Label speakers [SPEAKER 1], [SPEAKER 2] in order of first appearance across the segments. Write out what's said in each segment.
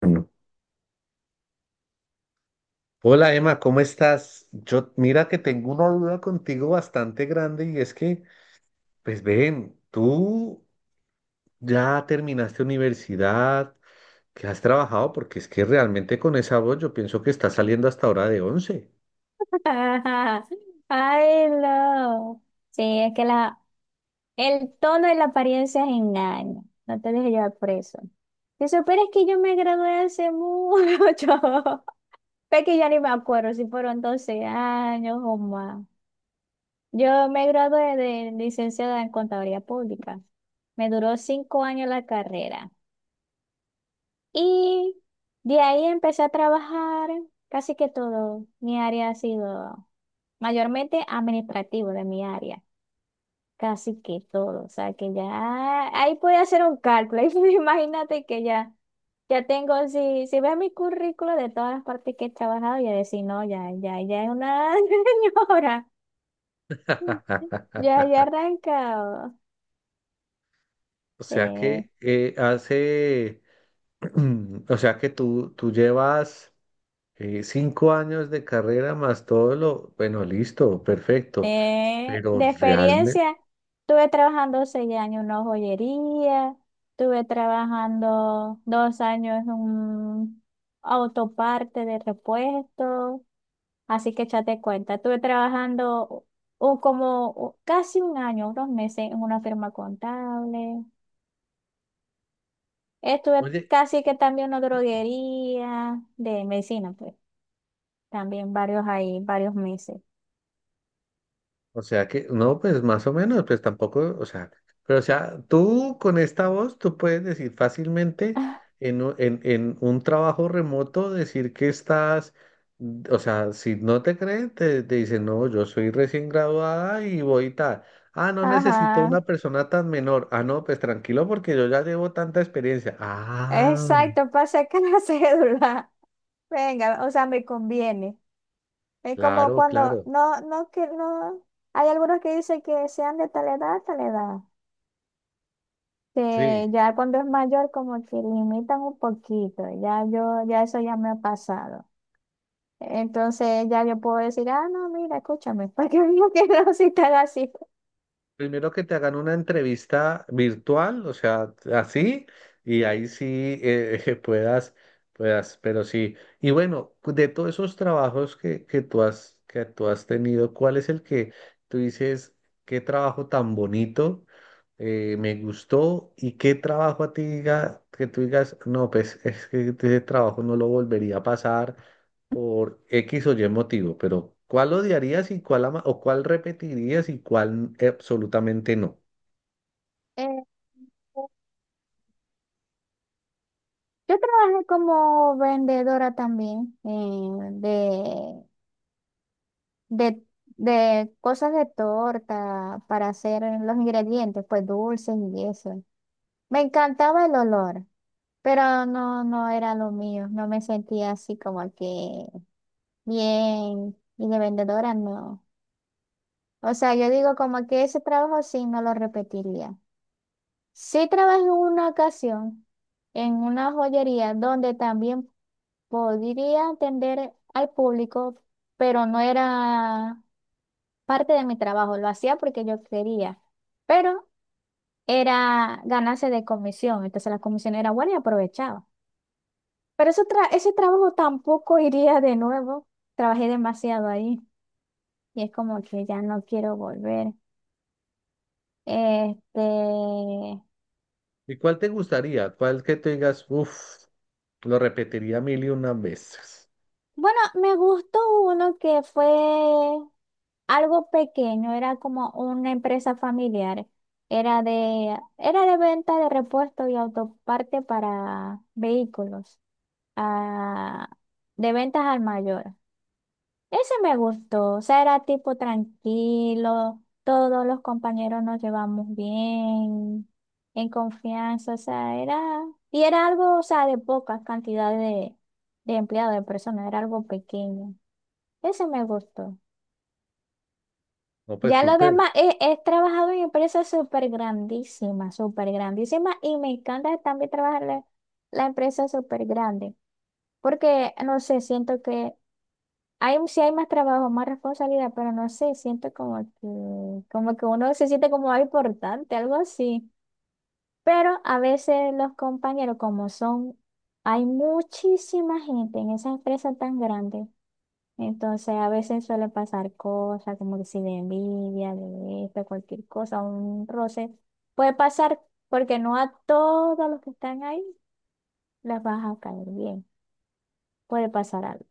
[SPEAKER 1] Bueno, hola Emma, ¿cómo estás? Yo, mira que tengo una duda contigo bastante grande y es que, pues ven, tú ya terminaste universidad, que has trabajado, porque es que realmente con esa voz yo pienso que estás saliendo hasta ahora de once.
[SPEAKER 2] Ajá. Ay, no. Sí, es que el tono y la apariencia engañan. No te dejes llevar por eso. Si supieras que yo me gradué hace mucho, es que ya ni me acuerdo si fueron 12 años o más. Yo me gradué de licenciada en Contaduría Pública. Me duró 5 años la carrera. Y de ahí empecé a trabajar casi que todo. Mi área ha sido mayormente administrativo de mi área. Casi que todo. O sea, que ya ahí puede hacer un cálculo. Ahí imagínate que ya, ya tengo, si ves mi currículo de todas las partes que he trabajado, ya decir, no, ya, ya, ya es una señora. Ya, ya he arrancado.
[SPEAKER 1] O sea
[SPEAKER 2] De,
[SPEAKER 1] que hace, o sea que tú llevas 5 años de carrera más todo lo, bueno, listo, perfecto,
[SPEAKER 2] de,
[SPEAKER 1] pero
[SPEAKER 2] de
[SPEAKER 1] realmente,
[SPEAKER 2] experiencia, estuve trabajando 6 años en una joyería, estuve trabajando 2 años en un autoparte de repuesto. Así que échate cuenta, estuve trabajando o como o casi un año, unos meses en una firma contable. Estuve
[SPEAKER 1] oye.
[SPEAKER 2] casi que también en una droguería de medicina, pues también varios ahí, varios meses.
[SPEAKER 1] O sea que, no, pues más o menos, pues tampoco, o sea, pero o sea, tú con esta voz, tú puedes decir fácilmente en un trabajo remoto, decir que estás, o sea, si no te creen, te dicen, no, yo soy recién graduada y voy tal. Ah, no necesito
[SPEAKER 2] Ajá,
[SPEAKER 1] una persona tan menor. Ah, no, pues tranquilo porque yo ya llevo tanta experiencia. Ah,
[SPEAKER 2] exacto, para sacar la cédula. Venga, o sea, me conviene. Es como
[SPEAKER 1] claro,
[SPEAKER 2] cuando,
[SPEAKER 1] claro,
[SPEAKER 2] no, no, que no, hay algunos que dicen que sean de tal edad, tal edad. Sí,
[SPEAKER 1] sí.
[SPEAKER 2] ya cuando es mayor como que limitan un poquito, ya yo, ya eso ya me ha pasado. Entonces ya yo puedo decir, ah, no, mira, escúchame, para que digo que no si tal así.
[SPEAKER 1] Primero que te hagan una entrevista virtual, o sea, así, y ahí sí eh, puedas, puedas, pero sí. Y bueno, de todos esos trabajos que tú has tenido, ¿cuál es el que tú dices, qué trabajo tan bonito, me gustó, y qué trabajo a ti diga, que tú digas, no, pues es que ese trabajo no lo volvería a pasar, por X o Y motivo, pero ¿cuál odiarías y cuál ama o cuál repetirías y cuál absolutamente no?
[SPEAKER 2] Eh, yo trabajé como vendedora también de, de, de cosas de torta para hacer los ingredientes, pues dulces y eso. Me encantaba el olor, pero no, no era lo mío, no me sentía así como que bien, y de vendedora no. O sea, yo digo como que ese trabajo sí no lo repetiría. Sí trabajé en una ocasión en una joyería donde también podría atender al público, pero no era parte de mi trabajo, lo hacía porque yo quería, pero era ganarse de comisión, entonces la comisión era buena y aprovechaba. Pero ese trabajo tampoco iría de nuevo, trabajé demasiado ahí y es como que ya no quiero volver. Este,
[SPEAKER 1] ¿Y cuál te gustaría? ¿Cuál que te digas, uff, lo repetiría mil y una veces?
[SPEAKER 2] bueno, me gustó uno que fue algo pequeño, era como una empresa familiar. Era de venta de repuestos y autoparte para vehículos, ah, de ventas al mayor. Ese me gustó, o sea, era tipo tranquilo, todos los compañeros nos llevamos bien, en confianza, o sea, y era algo, o sea, de pocas cantidades de empleados, de personas, era algo pequeño. Ese me gustó.
[SPEAKER 1] No, pues
[SPEAKER 2] Ya lo
[SPEAKER 1] súper.
[SPEAKER 2] demás, he trabajado en empresas súper grandísimas, y me encanta también trabajar en la empresa súper grande, porque, no sé, siento que sí hay más trabajo, más responsabilidad, pero no sé, siento como que uno se siente como algo importante, algo así. Pero a veces los compañeros, como son, hay muchísima gente en esa empresa tan grande, entonces a veces suele pasar cosas como que si de envidia, de esto, cualquier cosa, un roce, puede pasar porque no a todos los que están ahí les vas a caer bien, puede pasar algo.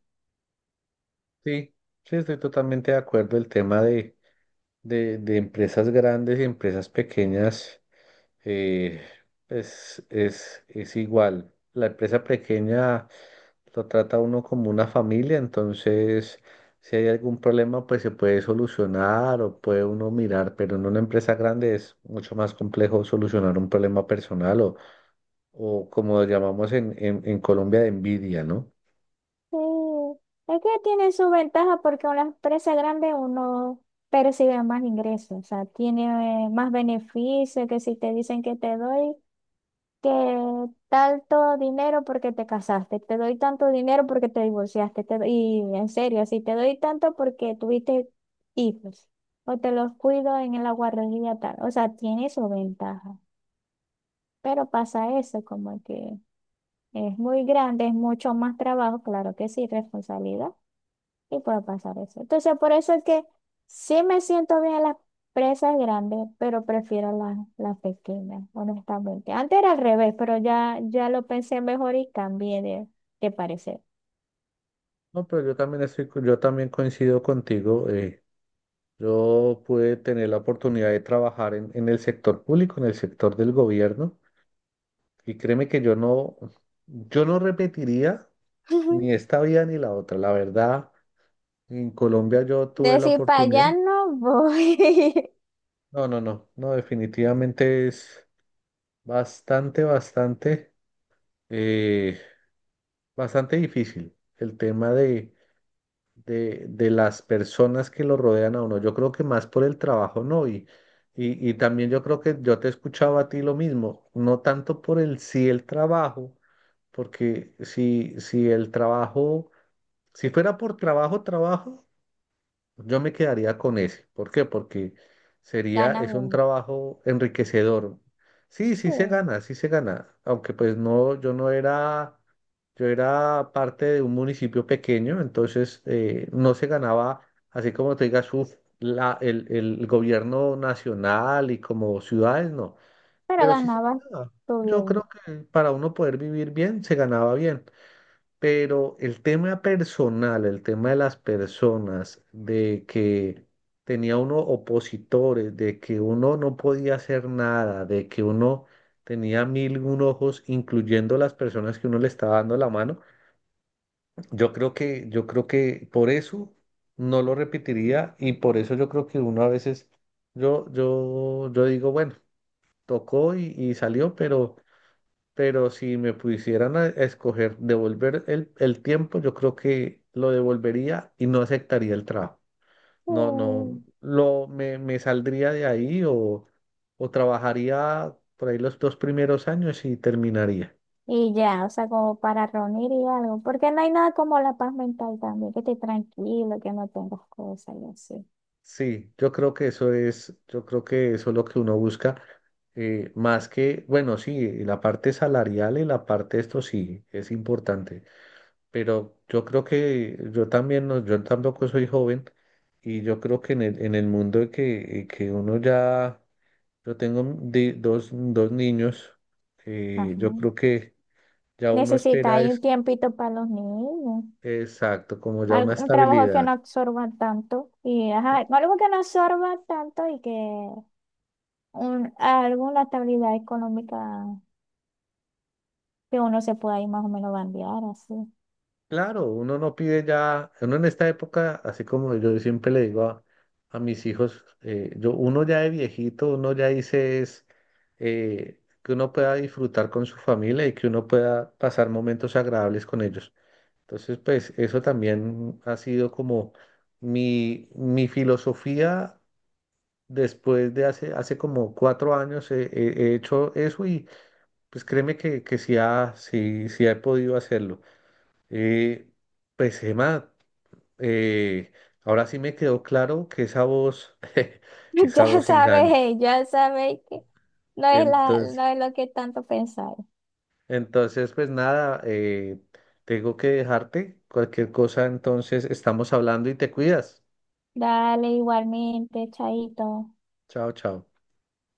[SPEAKER 1] Sí, sí, estoy totalmente de acuerdo. El tema de empresas grandes y empresas pequeñas eh, pues, es igual. La empresa pequeña lo trata uno como una familia, entonces si hay algún problema pues se puede solucionar o puede uno mirar, pero en una empresa grande es mucho más complejo solucionar un problema personal o como lo llamamos en Colombia de envidia, ¿no?
[SPEAKER 2] Sí, es que tiene su ventaja porque una empresa grande uno percibe más ingresos, o sea, tiene más beneficios que si te dicen que te doy que tanto dinero porque te casaste, te doy tanto dinero porque te divorciaste, y en serio, si te doy tanto porque tuviste hijos o te los cuido en la guardería tal, o sea, tiene su ventaja, pero pasa eso, como que es muy grande, es mucho más trabajo, claro que sí, responsabilidad. Y puede pasar eso. Entonces, por eso es que sí me siento bien en las presas grandes, pero prefiero las pequeñas, honestamente. Antes era al revés, pero ya, ya lo pensé mejor y cambié de parecer.
[SPEAKER 1] No, pero yo también yo también coincido contigo. Yo pude tener la oportunidad de trabajar en el sector público, en el sector del gobierno, y créeme que yo no repetiría ni esta vida ni la otra, la verdad. En Colombia yo tuve la
[SPEAKER 2] Decir, para
[SPEAKER 1] oportunidad.
[SPEAKER 2] allá no voy.
[SPEAKER 1] No, no, no, no, definitivamente es bastante, bastante, eh, bastante difícil el tema de las personas que lo rodean a uno. Yo creo que más por el trabajo, ¿no? Y también yo creo que yo te escuchaba a ti lo mismo, no tanto por el sí el trabajo, porque si el trabajo, si fuera por trabajo, trabajo. Yo me quedaría con ese. ¿Por qué? Porque sería,
[SPEAKER 2] Gana
[SPEAKER 1] es un
[SPEAKER 2] bien.
[SPEAKER 1] trabajo enriquecedor. Sí,
[SPEAKER 2] Sí,
[SPEAKER 1] sí se gana, sí se gana. Aunque pues no, yo no era, yo era parte de un municipio pequeño, entonces no se ganaba, así como te digas, uf, el gobierno nacional y como ciudades, no.
[SPEAKER 2] pero
[SPEAKER 1] Pero sí se
[SPEAKER 2] ganabas
[SPEAKER 1] ganaba.
[SPEAKER 2] tú
[SPEAKER 1] Yo creo
[SPEAKER 2] bien.
[SPEAKER 1] que para uno poder vivir bien, se ganaba bien. Pero el tema personal, el tema de las personas, de que tenía uno opositores, de que uno no podía hacer nada, de que uno tenía mil y un ojos, incluyendo las personas que uno le estaba dando la mano, yo creo que por eso no lo repetiría y por eso yo creo que uno a veces, yo digo, bueno, tocó y salió, pero si me pusieran a escoger devolver el tiempo, yo creo que lo devolvería y no aceptaría el trabajo. No, no,
[SPEAKER 2] Sí.
[SPEAKER 1] lo, me saldría de ahí o trabajaría por ahí los 2 primeros años y terminaría.
[SPEAKER 2] Y ya, o sea, como para reunir y algo, porque no hay nada como la paz mental también, que estés tranquilo, que no tengas cosas y así.
[SPEAKER 1] Sí, yo creo que yo creo que eso es lo que uno busca, más que, bueno, sí, y la parte salarial y la parte esto sí es importante. Pero yo creo que yo también, no, yo tampoco soy joven y yo creo que en el mundo de que uno ya, yo tengo dos niños,
[SPEAKER 2] Ajá.
[SPEAKER 1] yo creo que ya uno espera
[SPEAKER 2] Necesitáis un
[SPEAKER 1] es,
[SPEAKER 2] tiempito para los niños,
[SPEAKER 1] exacto, como ya una
[SPEAKER 2] un trabajo que
[SPEAKER 1] estabilidad.
[SPEAKER 2] no absorba tanto y ajá, algo que no absorba tanto y que alguna estabilidad económica que uno se pueda ir más o menos bandear así.
[SPEAKER 1] Claro, uno no pide ya, uno en esta época, así como yo siempre le digo a mis hijos, yo, uno ya de viejito, uno ya dice es que uno pueda disfrutar con su familia y que uno pueda pasar momentos agradables con ellos. Entonces, pues eso también ha sido como mi filosofía después de hace como 4 años hecho eso y pues créeme que sí, sí, sí he podido hacerlo. Eh, pues Emma eh, ahora sí me quedó claro que esa voz, esa
[SPEAKER 2] Ya
[SPEAKER 1] voz engaña.
[SPEAKER 2] sabes, ya sabéis que no es la,
[SPEAKER 1] Entonces,
[SPEAKER 2] no es lo que tanto pensáis.
[SPEAKER 1] entonces pues nada, tengo que dejarte. Cualquier cosa, entonces estamos hablando y te cuidas.
[SPEAKER 2] Dale igualmente, chaito.
[SPEAKER 1] Chao, chao.